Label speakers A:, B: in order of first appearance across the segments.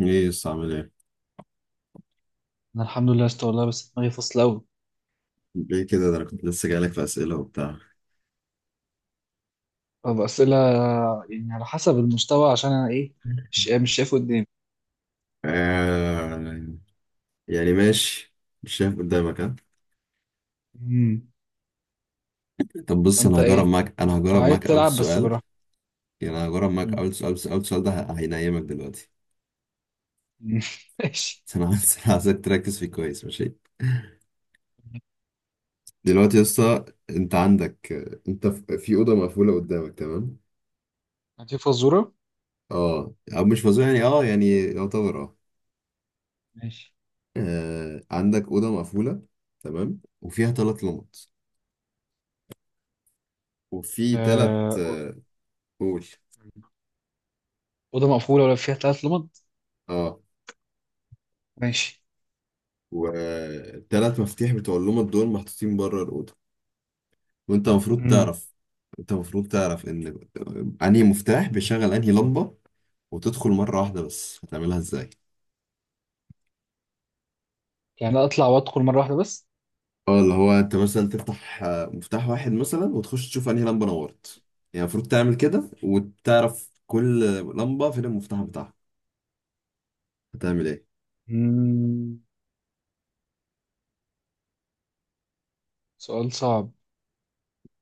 A: ايه يس، عامل ايه؟
B: انا الحمد لله است والله، بس دماغي فاصله قوي.
A: ليه كده؟ ده انا كنت لسه جايلك في اسئله وبتاع.
B: طب اسئله. يعني على حسب المستوى، عشان انا ايه، مش شايف قدامي.
A: آه، يعني ماشي. مش شايف قدامك، ها؟
B: امم.
A: طب بص،
B: فانت ايه،
A: انا
B: لو
A: هجرب
B: عايز
A: معاك اول
B: تلعب بس
A: سؤال.
B: براحتك.
A: يعني انا هجرب معاك
B: امم.
A: اول سؤال، بس اول سؤال ده هينيمك دلوقتي.
B: أمم. ماشي.
A: بس انا عايزك تركز فيه كويس، ماشي؟ دلوقتي يا اسطى، انت عندك، انت في اوضه مقفوله قدامك، تمام.
B: هاتي فزوره.
A: اه، او مش مزوق يعني، اه، يعني يعتبر، اه.
B: ماشي.
A: آه، عندك اوضه مقفوله، تمام، وفيها ثلاث لمط. وفي ثلاث.
B: آه.
A: قول.
B: اوضه مقفوله ولا فيها 3 لمض؟
A: اه،
B: ماشي.
A: والتلات مفاتيح بتوع اللمض دول محطوطين بره الأوضة. وأنت المفروض
B: امم.
A: تعرف أنت المفروض تعرف إن أنهي مفتاح بيشغل أنهي لمبة، وتدخل مرة واحدة بس. هتعملها إزاي؟
B: يعني اطلع وادخل مره واحده بس؟
A: اه، اللي هو أنت مثلا تفتح مفتاح واحد مثلا، وتخش تشوف أنهي لمبة نورت. يعني المفروض تعمل كده، وتعرف كل لمبة فين المفتاح بتاعها. هتعمل إيه؟
B: امم. سؤال صعب.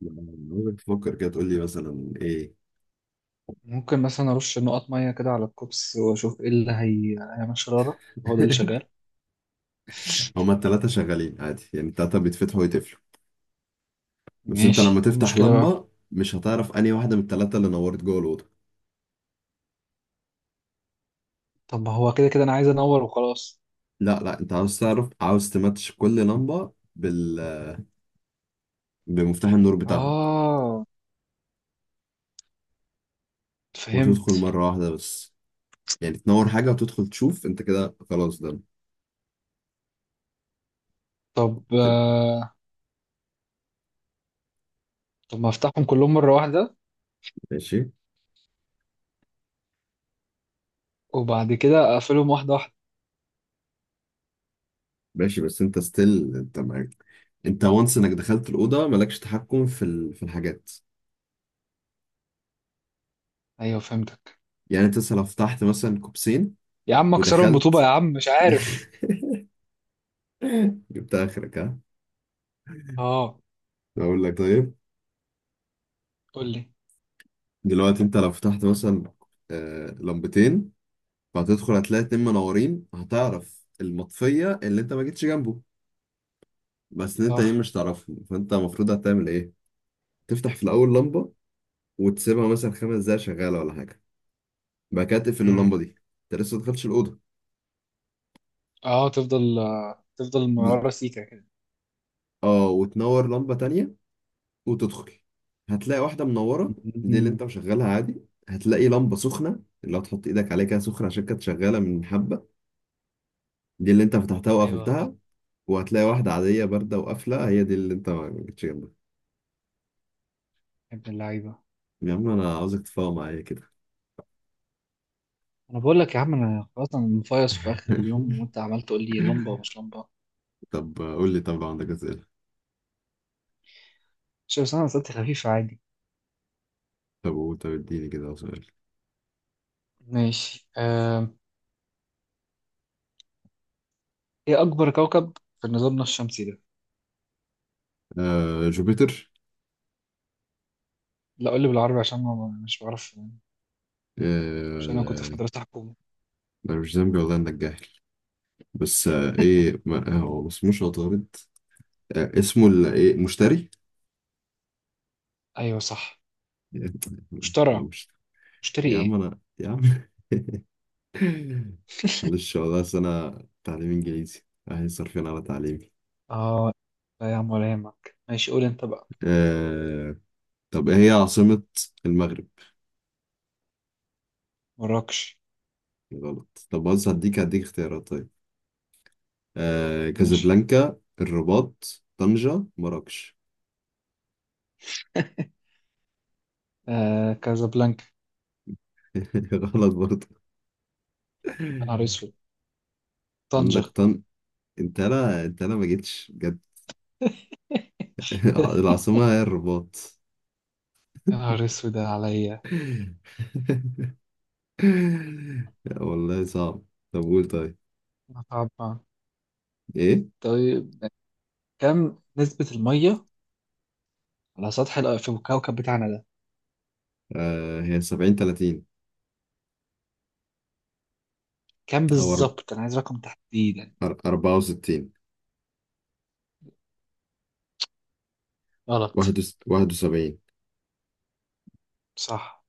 A: أنا عاوزك تفكر كده، تقول لي مثلا إيه؟
B: ممكن مثلا ارش نقط ميه كده على الكوبس واشوف ايه اللي هي هيعمل شراره، هو ده اللي شغال.
A: هما التلاتة شغالين عادي، يعني التلاتة بيتفتحوا ويتقفلوا. بس انت لما
B: ماشي، إيه
A: تفتح
B: المشكله بقى؟
A: لمبة، مش هتعرف انهي واحدة من التلاتة اللي نورت جوه الأوضة.
B: طب ما هو كده كده انا عايز انور وخلاص.
A: لا لا، انت عاوز تعرف، عاوز تماتش كل لمبة بمفتاح النور بتاعها،
B: اه،
A: وتدخل
B: فهمت.
A: مرة واحدة بس. يعني تنور حاجة وتدخل تشوف، انت كده خلاص، ده
B: طب
A: تبقى.
B: طب ما افتحهم كلهم مرة واحدة
A: ماشي.
B: وبعد كده اقفلهم واحدة واحدة.
A: ماشي، بس انت ستيل، انت معاك، انت وانس انك دخلت الأوضة مالكش تحكم في الحاجات.
B: ايوه، فهمتك.
A: يعني انت لو فتحت مثلا كوبسين
B: يا عم اكسرهم بطوبة،
A: ودخلت.
B: يا عم مش عارف.
A: جبت اخرك، ها؟
B: اه.
A: بقول لك، طيب،
B: قول لي.
A: دلوقتي انت لو فتحت مثلا لمبتين، فهتدخل هتلاقي اتنين منورين، هتعرف المطفية اللي انت ما جيتش جنبه. بس انت تانيين
B: صح.
A: مش تعرفهم، فانت المفروض هتعمل ايه. تفتح في الاول لمبة، وتسيبها مثلا 5 دقايق شغالة ولا حاجة. بعد كده تقفل
B: امم.
A: اللمبة دي. انت لسه ما دخلتش الأوضة.
B: اه، تفضل
A: بز...
B: مرة سيكة كده.
A: اه، وتنور لمبة تانية وتدخل، هتلاقي واحدة منورة. دي اللي
B: مم.
A: انت مشغلها عادي. هتلاقي لمبة سخنة، اللي هتحط ايدك عليها كده سخنة عشان كانت شغالة من حبة. دي اللي انت فتحتها
B: ايوه، صح.
A: وقفلتها. وهتلاقي واحدة عادية باردة وقافلة، هي دي اللي انت ما جيتش جنبها.
B: يا ابن اللعيبة.
A: يا عم، انا عاوزك تفاهم معايا كده.
B: انا بقول لك يا عم، انا خلاص، انا مفيص في اخر اليوم، وانت عمال تقول لي لمبة ومش لمبة.
A: طب قول لي، طب لو عندك اسئله.
B: مش، بس انا اسئلتي خفيفة عادي.
A: طب قول، طب اديني كده سؤال.
B: ماشي. ايه اكبر كوكب في نظامنا الشمسي ده؟
A: آه، جوبيتر.
B: لا، قول لي بالعربي عشان مش بعرف. عشان انا كنت
A: آه،
B: في مدرسة حكومة.
A: انا مش ذنبي والله انك جاهل. بس ايه، ما هو ما اسموش عطارد. آه، اسمه ايه، مشتري.
B: ايوه، صح.
A: آه،
B: مشتري.
A: مش.
B: مشتري
A: يا عم
B: ايه؟
A: انا، يا عم. معلش والله، أصل انا تعليم انجليزي، اهي صارفين على تعليمي.
B: اه. لا يا عم، ولا يهمك، ماشي قول انت بقى.
A: آه. طب ايه هي عاصمه المغرب؟
B: مراكش.
A: غلط. طب بص، هديك اختيارات طيب. آه،
B: ماشي.
A: كازابلانكا، الرباط، طنجة، مراكش.
B: آه، كازابلانكا.
A: غلط برضه.
B: يا نهار اسود. طنجة.
A: عندك طن. انت لا، انت لا، ما جيتش بجد. العاصمة هي الرباط.
B: يا نهار اسود عليا.
A: لا والله، صعب. طب قول، طيب.
B: متعب.
A: ايه،
B: طيب. كم نسبة المية على سطح في الكوكب بتاعنا ده؟
A: هي 70 30.
B: كم
A: او
B: بالظبط، انا عايز رقم تحديدا.
A: 64.
B: غلط.
A: 71.
B: صح.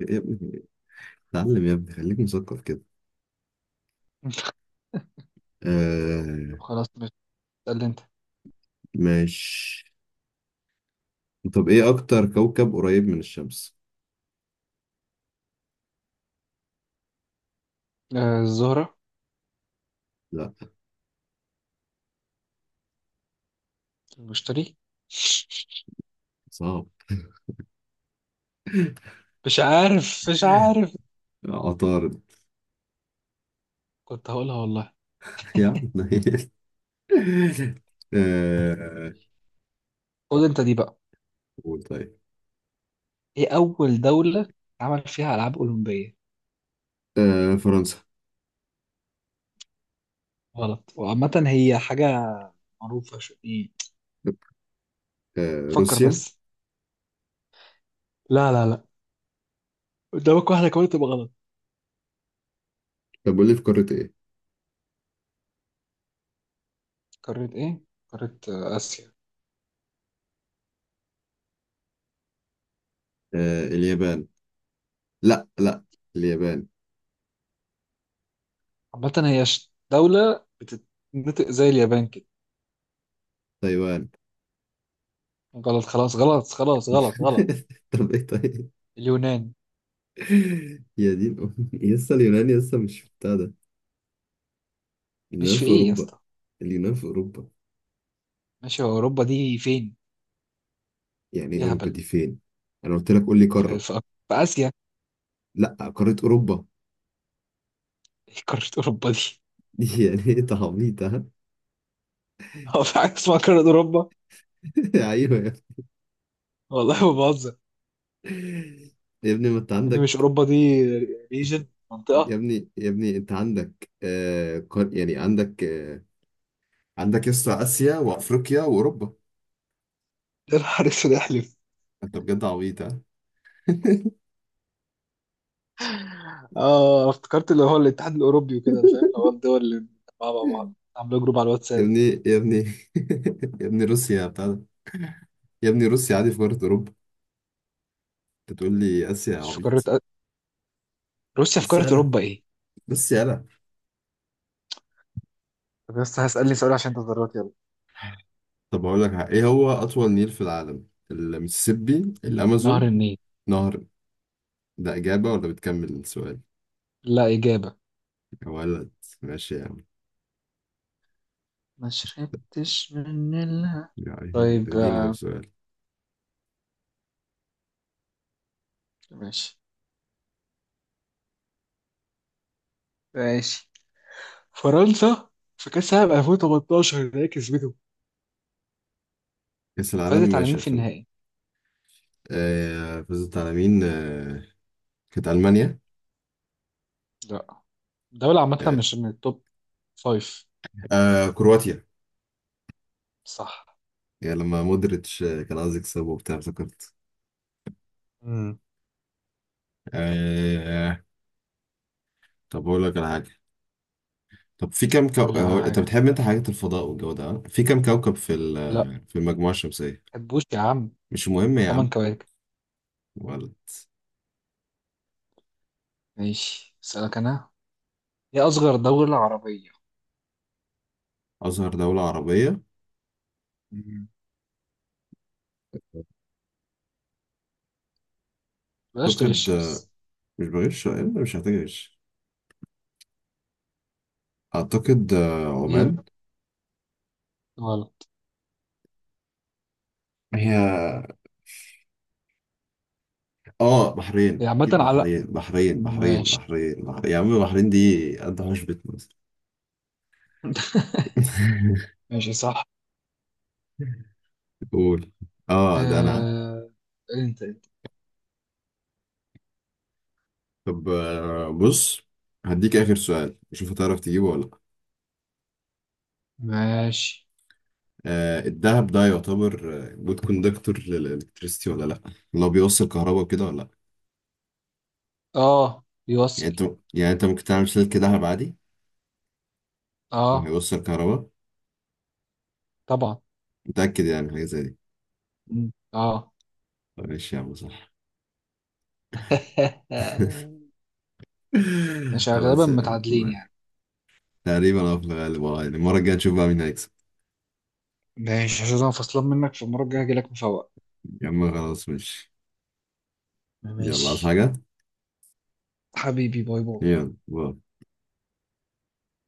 A: يا ابني، اتعلم يا ابني، خليك مثقف كده. آه.
B: طب خلاص اسأل انت.
A: ماشي، طب ايه اكتر كوكب قريب من الشمس؟
B: آه، الزهرة. المشتري.
A: صعب.
B: مش عارف مش عارف.
A: عطارد.
B: كنت هقولها والله.
A: يا عم نيل. آه،
B: خد انت دي بقى.
A: قول طيب.
B: ايه أول دولة عمل فيها ألعاب أولمبية؟
A: آه، فرنسا.
B: غلط، وعامة هي حاجة معروفة شو ايه.
A: آه،
B: فكر
A: روسيا.
B: بس. لا، لا، لا. قدامك واحدة كمان تبقى غلط.
A: طب قول لي، في قارة ايه؟
B: قارة ايه؟ قارة آسيا.
A: آه، اليابان. لا لا، اليابان.
B: عامة هي دولة بتتنطق زي اليابان كده.
A: تايوان.
B: غلط خلاص، غلط خلاص، غلط غلط.
A: طب ايه طيب؟
B: اليونان.
A: يا دين أمي، يسا اليونان، يسا مش بتاع ده.
B: مش
A: اليونان
B: في
A: في
B: ايه يا
A: اوروبا.
B: اسطى؟
A: اليونان في اوروبا.
B: ماشي، هو أوروبا دي فين؟
A: يعني ايه اوروبا
B: يهبل.
A: دي فين؟ انا قلت لك قول لي
B: في
A: قارة.
B: في في آسيا.
A: لا. قارة اوروبا.
B: ايه قارة اوروبا دي؟
A: يعني ايه تعبيط، ها؟
B: هو في حاجة اسمها قارة اوروبا؟
A: ايوه.
B: والله ما بهزر.
A: يا ابني، ما انت
B: يعني مش
A: عندك.
B: اوروبا دي ريجن،
A: يا
B: منطقة.
A: ابني، يا ابني انت عندك يعني عندك عندك يسطا اسيا وافريقيا واوروبا.
B: يا نهار اسود، احلف.
A: انت بجد عبيط، ها؟
B: اه، افتكرت اللي هو الاتحاد الاوروبي وكده، انا فاهم اللي هو الدول اللي مجمعة مع بعض عاملة جروب على
A: يا
B: الواتساب.
A: ابني، يا ابني، يا ابني روسيا بتاع ده. يا ابني، روسيا عادي في قارة اوروبا. انت تقول لي اسيا يا
B: مش في
A: عبيط.
B: قارة؟ روسيا في
A: بس
B: قارة
A: يالا،
B: اوروبا ايه؟
A: بس يالا.
B: طب بس هسألني سؤال عشان انت ضربت يلا.
A: طب هقول لك حاجة. ايه هو اطول نيل في العالم؟ المسيسيبي،
B: مم. نهر
A: الامازون،
B: النيل.
A: نهر. ده اجابة ولا بتكمل السؤال؟
B: لا، إجابة.
A: يا ولد. ماشي يا عم.
B: ما شربتش من الها.
A: يعني
B: طيب
A: اديني طب سؤال.
B: ماشي. ماشي. فرنسا في كأس العالم 2018 اللي هي كسبته،
A: كأس العالم
B: فازت على مين
A: ماشي
B: في
A: 2000.
B: النهائي؟
A: آه، فزت على مين؟ آه، كانت ألمانيا.
B: لا. دولة عامة
A: آه.
B: مش من التوب. فايف.
A: آه، كرواتيا.
B: صح.
A: يعني لما مودريتش آه، كان عايز يكسب وبتاع، افتكرت.
B: امم.
A: آه، طب أقول لك على حاجة. طب في كم
B: قول لي
A: آه،
B: على
A: أنت
B: حاجة.
A: بتحب، أنت حاجات الفضاء والجو ده، آه؟ في كم كوكب
B: لا.
A: آه، في المجموعة الشمسية؟
B: حبوش يا عم.
A: مش مهم يا
B: تمن
A: عم.
B: كواكب
A: ولد.
B: ماشي، اسألك أنا. هي أصغر دولة عربية؟
A: أصغر دولة عربية.
B: مم. بلاش
A: أعتقد
B: تغش
A: آه،
B: بس.
A: مش بغش، آه، مش هتغش. أعتقد آه،
B: هي.
A: عمان.
B: غلط.
A: هي. اه،
B: هي
A: بحرين،
B: عامة
A: اكيد
B: على.
A: بحرين، بحرين بحرين
B: ماشي.
A: بحرين بحرين يا عم، بحرين دي قد حشبة مصر.
B: ماشي، صح.
A: قول. اه، ده انا.
B: آه. انت.
A: طب آه، بص، هديك اخر سؤال، شوف هتعرف تجيبه ولا لا.
B: ماشي.
A: آه، الدهب ده يعتبر جود كوندكتور للالكتريسيتي ولا لا؟ لو بيوصل كهرباء كده، ولا لا؟
B: اه،
A: يعني
B: بيوصل.
A: انت يعني انت ممكن تعمل سلك دهب عادي
B: اه،
A: وهيوصل كهرباء.
B: طبعا.
A: متأكد يعني حاجة زي دي.
B: مم. اه.
A: طب ماشي يا عم، صح.
B: ماشي، غالبا
A: خلاص يا عم.
B: متعادلين يعني.
A: تقريبا، اه، في الغالب، اه، يعني المرة الجاية نشوف بقى مين هيكسب.
B: ماشي، عشان انا فصلان منك، في المرة الجاية هجيلك مفوق.
A: يا عم خلاص، ماشي. يلا، عايز
B: ماشي.
A: حاجة؟
B: حبيبي، باي باي.
A: يلا، باي.